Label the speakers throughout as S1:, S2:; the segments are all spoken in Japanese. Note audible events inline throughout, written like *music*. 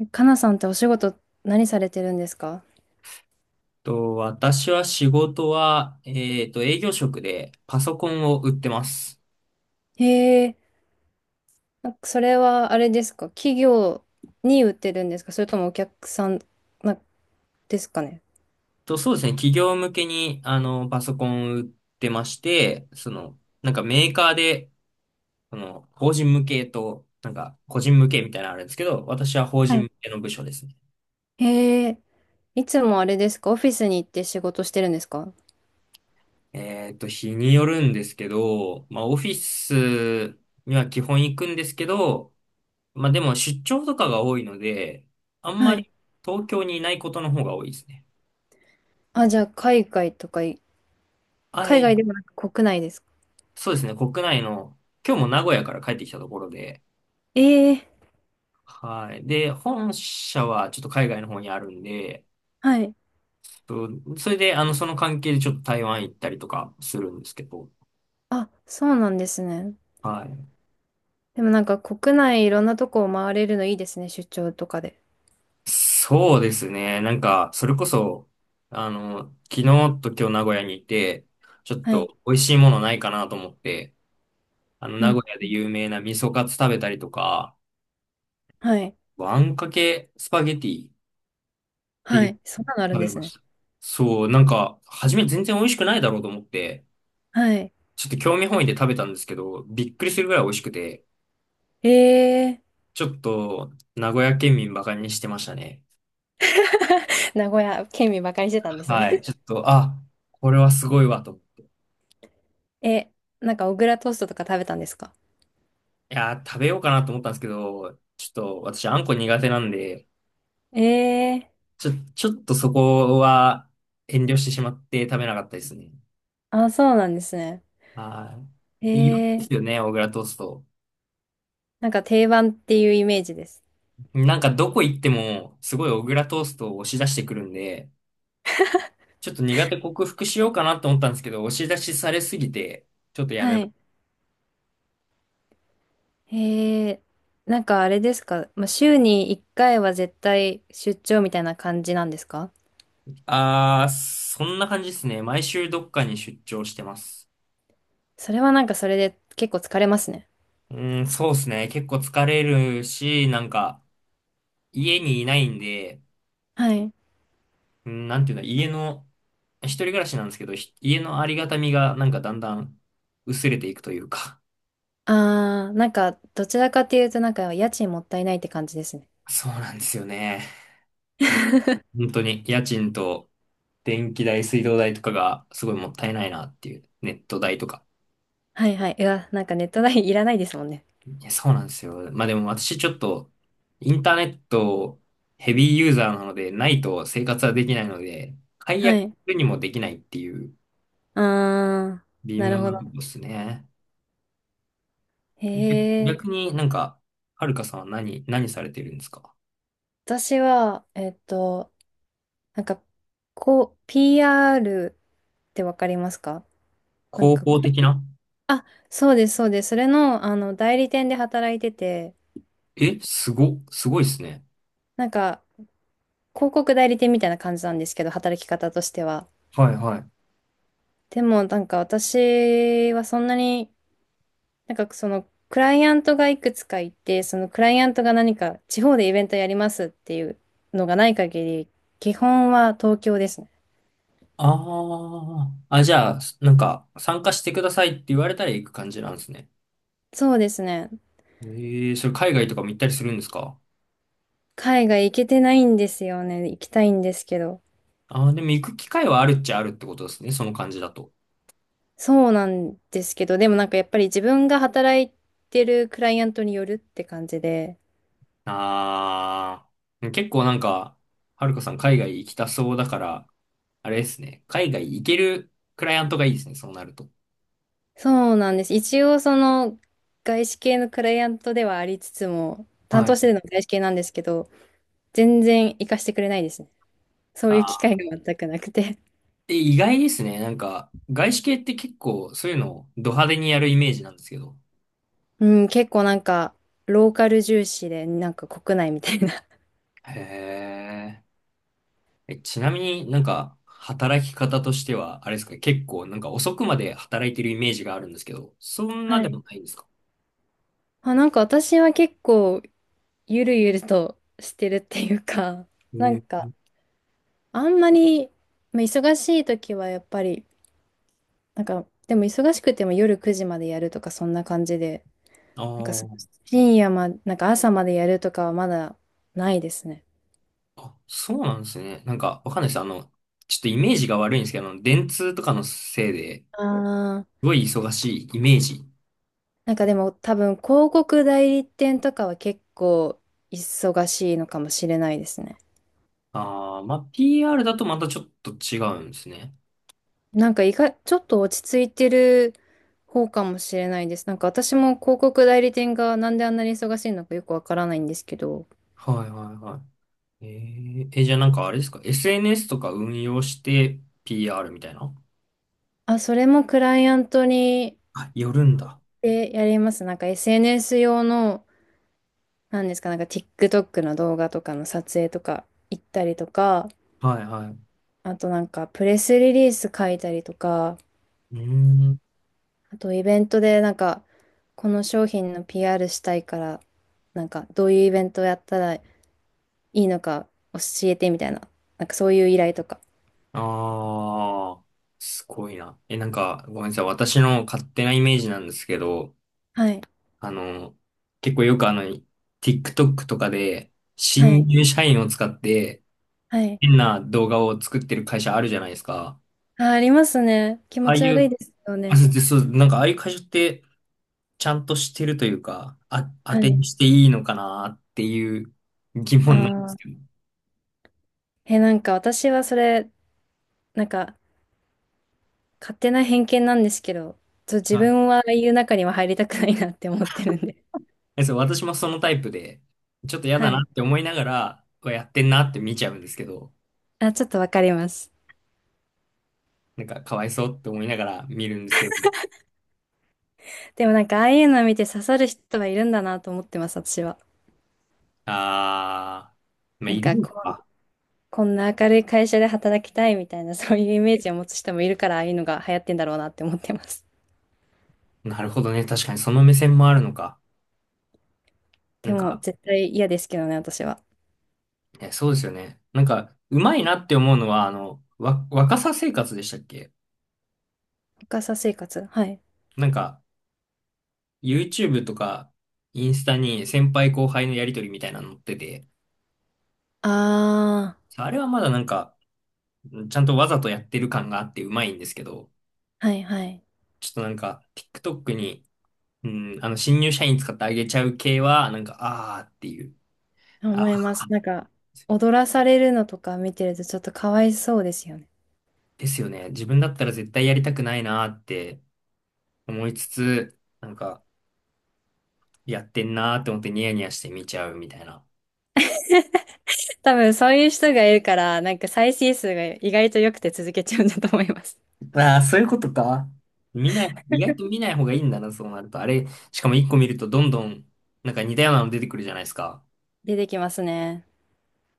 S1: えかなさんってお仕事何されてるんですか？
S2: 私は仕事は、営業職でパソコンを売ってます。
S1: へえ。なんかそれはあれですか？企業に売ってるんですか？それともお客さんなですかね？
S2: そうですね、企業向けに、パソコンを売ってまして、その、なんかメーカーで、その、法人向けと、なんか、個人向けみたいなのあるんですけど、私は法
S1: は
S2: 人
S1: い。
S2: 向けの部署ですね。
S1: へえ。いつもあれですか？オフィスに行って仕事してるんですか？
S2: 日によるんですけど、まあ、オフィスには基本行くんですけど、まあ、でも出張とかが多いので、あん
S1: は
S2: ま
S1: い。
S2: り東京にいないことの方が多いですね。
S1: あ、じゃあ海外とかい、
S2: あ
S1: 海
S2: え
S1: 外でもなく国内ですか？
S2: そうですね、国内の、今日も名古屋から帰ってきたところで、
S1: ええ、
S2: はい。で、本社はちょっと海外の方にあるんで、
S1: はい。
S2: そうそれで、その関係でちょっと台湾行ったりとかするんですけど、
S1: あ、そうなんですね。
S2: はい。
S1: でもなんか国内いろんなとこを回れるのいいですね、出張とかで。
S2: そうですね、なんか、それこそ、昨日と今日名古屋にいて、ちょっ
S1: はい。
S2: と美味しいものないかなと思って、
S1: う
S2: 名
S1: ん。
S2: 古屋で有名な味噌カツ食べたりとか、
S1: はい。
S2: あんかけスパゲティってい
S1: は
S2: う
S1: い。そんなのあるん
S2: 食
S1: で
S2: べ
S1: す
S2: ま
S1: ね。
S2: した。そう、なんか、初め全然美味しくないだろうと思って、
S1: はい。
S2: ちょっと興味本位で食べたんですけど、びっくりするぐらい美味しくて、
S1: えー、
S2: ちょっと、名古屋県民バカにしてましたね。
S1: *laughs* 名古屋県民ばかりしてたんですね。
S2: はい、ちょっと、あ、これはすごいわと。
S1: *laughs* え、なんか小倉トーストとか食べたんですか？
S2: いやー、食べようかなと思ったんですけど、ちょっと、私、あんこ苦手なんで、
S1: え。え
S2: ちょっとそこは遠慮してしまって食べなかったですね。
S1: ー、あ、そうなんですね。
S2: は
S1: え
S2: い。有名で
S1: ー、
S2: すよね、小倉トースト。
S1: なんか定番っていうイメージです。
S2: なんか、どこ行っても、すごい小倉トーストを押し出してくるんで、ちょっと苦手克服しようかなと思ったんですけど、押し出しされすぎて、ちょっとや
S1: は
S2: め、
S1: い。えー、なんかあれですか、まあ、週に1回は絶対出張みたいな感じなんですか？
S2: あー、そんな感じですね。毎週どっかに出張してます。
S1: それはなんかそれで結構疲れますね。
S2: うーん、そうですね。結構疲れるし、なんか、家にいないんで、
S1: はい。
S2: うん、なんていうの、家の、一人暮らしなんですけど、家のありがたみがなんかだんだん薄れていくというか。
S1: あー、なんかどちらかっていうとなんか家賃もったいないって感じですね。
S2: そうなんですよね。うん、
S1: *laughs*
S2: 本当に家賃と電気代、水道代とかがすごいもったいないなっていう、ネット代とか。
S1: はいはい。うわ、なんかネット代いらないですもんね。
S2: いや、そうなんですよ。まあでも私ちょっと、インターネットヘビーユーザーなので、ないと生活はできないので、解
S1: は
S2: 約
S1: い。
S2: にもできないっていう
S1: あ
S2: 微
S1: ー、な
S2: 妙
S1: るほ
S2: な
S1: ど。
S2: とこですね。
S1: へ
S2: 逆
S1: え。
S2: になんか、はるかさんは何されてるんですか？
S1: 私は、なんか、こう、PR ってわかりますか？なん
S2: 広
S1: か
S2: 報
S1: こ
S2: 的
S1: う、
S2: な。
S1: あ、そうです、そうです。それの、あの、代理店で働いてて、
S2: え、すごいですね。
S1: なんか、広告代理店みたいな感じなんですけど、働き方としては。
S2: はいはい。
S1: でも、なんか私はそんなに、なんかその、クライアントがいくつかいて、そのクライアントが何か地方でイベントやりますっていうのがない限り、基本は東京ですね。
S2: ああ、あ、じゃあ、なんか、参加してくださいって言われたら行く感じなんですね。
S1: そうですね。
S2: ええそれ海外とかも行ったりするんですか？
S1: 海外行けてないんですよね。行きたいんですけど。
S2: ああ、でも行く機会はあるっちゃあるってことですね。その感じだと。
S1: そうなんですけど、でもなんかやっぱり自分が働いてるクライアントによるって感じで。
S2: ああ、結構なんか、はるかさん海外行きたそうだから、あれですね。海外行けるクライアントがいいですね。そうなると。
S1: そうなんです。一応その外資系のクライアントではありつつも、担
S2: は
S1: 当
S2: い。
S1: してるのは外資系なんですけど、全然行かしてくれないですね。そう
S2: あ
S1: いう機会
S2: あ、
S1: が全くなくて。
S2: で、意外ですね。なんか、外資系って結構そういうのをド派手にやるイメージなんですけど。
S1: *laughs* うん、結構なんかローカル重視で、なんか国内みたいな。
S2: へえ。え、ちなみになんか、働き方としては、あれですか、結構なんか遅くまで働いてるイメージがあるんですけど、そんな
S1: は
S2: でも
S1: い。
S2: ないんですか？
S1: あ、なんか私は結構ゆるゆるとしてるっていうか、*laughs*
S2: へ
S1: なんか、
S2: え。
S1: あんまり、まあ忙しい時はやっぱり、なんか、でも忙しくても夜9時までやるとか、そんな感じで、
S2: あ
S1: なんかす、
S2: あ。
S1: 深夜ま、なんか朝までやるとかはまだないですね。
S2: あ、そうなんですね。なんか、わかんないです。ちょっとイメージが悪いんですけど、あの電通とかのせいで、す
S1: ああ、
S2: ごい忙しいイメージ。
S1: なんかでも多分、広告代理店とかは結構忙しいのかもしれないですね。
S2: ああ、まあ、PR だとまたちょっと違うんですね。
S1: なんか意外、ちょっと落ち着いてる方かもしれないです。なんか私も広告代理店がなんであんなに忙しいのかよくわからないんですけど、
S2: はいはいはい。えー、え、じゃあなんかあれですか？ SNS とか運用して PR みたいな。
S1: あ、それもクライアントに
S2: あ、よるんだ。
S1: でやります。なんか SNS 用の、なんですか、なんか TikTok の動画とかの撮影とか行ったりとか、
S2: はいはい。
S1: あとなんかプレスリリース書いたりとか、
S2: うーん。
S1: あとイベントでなんかこの商品の PR したいから、なんかどういうイベントをやったらいいのか教えてみたいな、なんかそういう依頼とか。
S2: ああ、すごいな。え、なんか、ごめんなさい。私の勝手なイメージなんですけど、
S1: はい、
S2: あの、結構よくあの、TikTok とかで、
S1: は
S2: 新
S1: い、
S2: 入社員を使って、
S1: はい。
S2: 変な動画を作ってる会社あるじゃないですか。
S1: あ、ありますね。気
S2: あ
S1: 持
S2: あ
S1: ち
S2: い
S1: 悪い
S2: う、
S1: ですよ
S2: あ、
S1: ね。
S2: でそう、なんかああいう会社って、ちゃんとしてるというか、あ、当
S1: は
S2: て
S1: い。
S2: にしていいのかなっていう疑問なんで
S1: あ
S2: すけ
S1: あ。
S2: ど。
S1: え、なんか私はそれ、なんか勝手な偏見なんですけど、自
S2: はい。
S1: 分はああいう中には入りたくないなって思ってるんで。
S2: えそう、私もそのタイプで、ちょっと
S1: *laughs*
S2: 嫌
S1: は
S2: だな
S1: い。
S2: って思いながら、うわやってんなって見ちゃうんですけど、
S1: あ、ちょっとわかります。
S2: なんかかわいそうって思いながら見るんですけど、
S1: でもなんかああいうのを見て刺さる人はいるんだなと思ってます、私は。
S2: あー、まあ、
S1: な
S2: い
S1: ん
S2: る
S1: か
S2: の
S1: こう、
S2: か。
S1: こんな明るい会社で働きたいみたいな、そういうイメージを持つ人もいるから、ああいうのが流行ってんだろうなって思ってます。
S2: なるほどね。確かにその目線もあるのか。な
S1: で
S2: ん
S1: も、
S2: か、
S1: 絶対嫌ですけどね、私は。
S2: え、そうですよね。なんか、うまいなって思うのは、若さ生活でしたっけ？
S1: 深さ生活。はい。
S2: なんか、YouTube とか、インスタに先輩後輩のやりとりみたいなの載ってて、
S1: あ
S2: あれはまだなんか、ちゃんとわざとやってる感があってうまいんですけど、
S1: あ、はいはい。
S2: ちょっとなんか、TikTok に、新入社員使ってあげちゃう系は、なんか、あーっていう。あー、
S1: 思います。なんか、踊らされるのとか見てるとちょっとかわいそうですよね。
S2: ですよね。自分だったら絶対やりたくないなーって思いつつ、なんか、やってんなーって思ってニヤニヤして見ちゃうみたいな。
S1: *laughs* 多分そういう人がいるから、なんか再生数が意外と良くて続けちゃうんだと思います。
S2: ああ、そういうことか。見ない、意外と見ない方がいいんだな、そうなると。あれ、しかも一個見るとどんどん、なんか似たようなの出てくるじゃないですか。
S1: 出てきますね。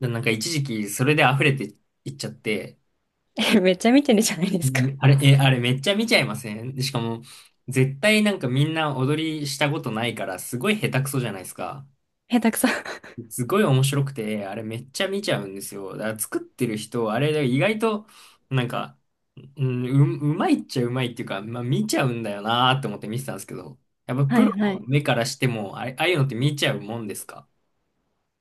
S2: でなんか一時期それで溢れていっちゃって、
S1: *laughs* え、めっちゃ見てるじゃないで
S2: う
S1: すか。
S2: んあれ、え、あれめっちゃ見ちゃいませんで？しかも、絶対なんかみんな踊りしたことないから、すごい下手くそじゃないですか。
S1: 下手くそ。
S2: すごい面白くて、あれめっちゃ見ちゃうんですよ。だから作ってる人、あれ意外と、なんかうん、うまいっちゃうまいっていうか、まあ見ちゃうんだよなーって思って見てたんですけど、やっぱ
S1: は
S2: プ
S1: い
S2: ロ
S1: は
S2: の
S1: い。
S2: 目からしても、あれ、ああいうのって見ちゃうもんですか？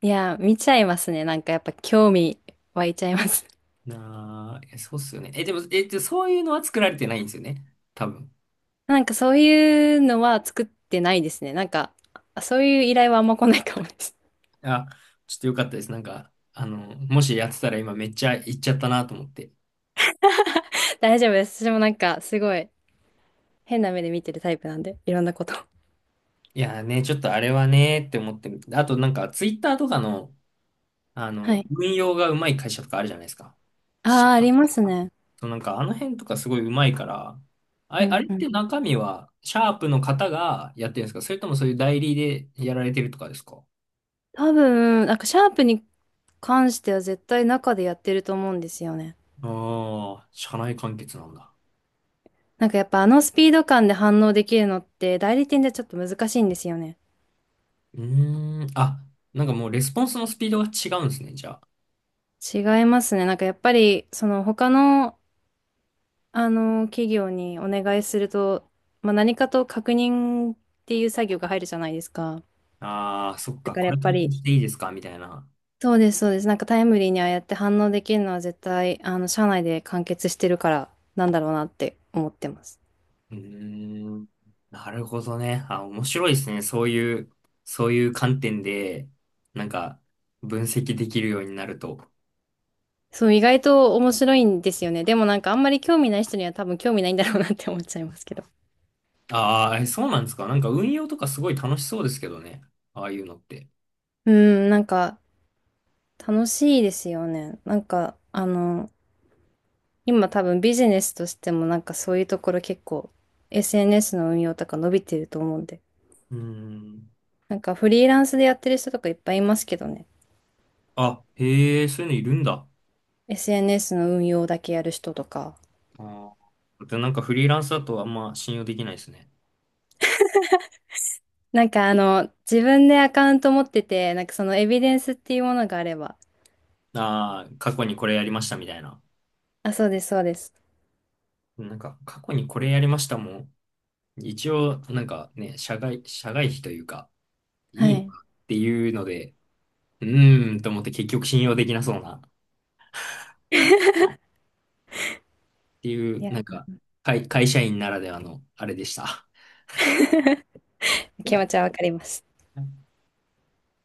S1: いや、見ちゃいますね。なんかやっぱ興味湧いちゃいます。
S2: なあ、えそうっすよね。え、でも、え、でそういうのは作られてないんですよね。多分。
S1: *laughs* なんかそういうのは作ってないですね。なんか、そういう依頼はあんま来ないかもです。
S2: あ、ちょっとよかったです。なんか、あの、もしやってたら今めっちゃ行っちゃったなと思って。
S1: 大丈夫です。私もなんか、すごい、変な目で見てるタイプなんで、いろんなこと。
S2: いやーね、ちょっとあれはねーって思ってる。あとなんか、ツイッターとかの、
S1: はい。
S2: 運用がうまい会社とかあるじゃないですか。
S1: ああ、ありますね。
S2: そうなんかあの辺とかすごい上手いから、
S1: う
S2: あれ
S1: ん
S2: っ
S1: う
S2: て
S1: ん。
S2: 中身はシャープの方がやってるんですかそれともそういう代理でやられてるとかですか？
S1: 多分、なんか、シャープに関しては絶対中でやってると思うんですよね。
S2: ああー、社内完結なんだ。
S1: なんかやっぱあのスピード感で反応できるのって代理店ではちょっと難しいんですよね。
S2: うーん、あ、なんかもうレスポンスのスピードが違うんですね、じゃ
S1: 違いますね。なんかやっぱり、その他の、あの、企業にお願いすると、まあ、何かと確認っていう作業が入るじゃないですか。
S2: あ。ああ、そっ
S1: だ
S2: か、
S1: から
S2: こ
S1: や
S2: れ
S1: っ
S2: 投
S1: ぱ
S2: 稿
S1: り、
S2: していいですかみたいな。
S1: そうです、そうです。なんかタイムリーにああやって反応できるのは絶対、あの、社内で完結してるから、なんだろうなって思ってます。
S2: うーん、なるほどね。あ、面白いですね。そういう観点で、なんか分析できるようになると。
S1: そう、意外と面白いんですよね。でもなんかあんまり興味ない人には多分興味ないんだろうなって思っちゃいますけど。
S2: ああ、えそうなんですか。なんか運用とかすごい楽しそうですけどね。ああいうのって。
S1: うん、なんか楽しいですよね。なんか、あの、今多分ビジネスとしてもなんかそういうところ結構 SNS の運用とか伸びてると思うんで。
S2: うーん。
S1: なんかフリーランスでやってる人とかいっぱいいますけどね。
S2: あ、へえ、そういうのいるんだ。
S1: SNS の運用だけやる人とか。
S2: ああ。で、なんかフリーランスだとあんま信用できないですね。
S1: なんかあの、自分でアカウント持ってて、なんかそのエビデンスっていうものがあれば。
S2: ああ、過去にこれやりましたみたいな。
S1: あ、そうです、そうです。
S2: なんか過去にこれやりましたもん。一応、なんかね、社外費というか、
S1: は
S2: いいなっ
S1: い。
S2: ていうので、うーんと思って結局信用できなそうな、ってい
S1: い
S2: う、
S1: や、
S2: なんか、会社員ならではのあれでした。
S1: 気持ちはわかります。
S2: *laughs*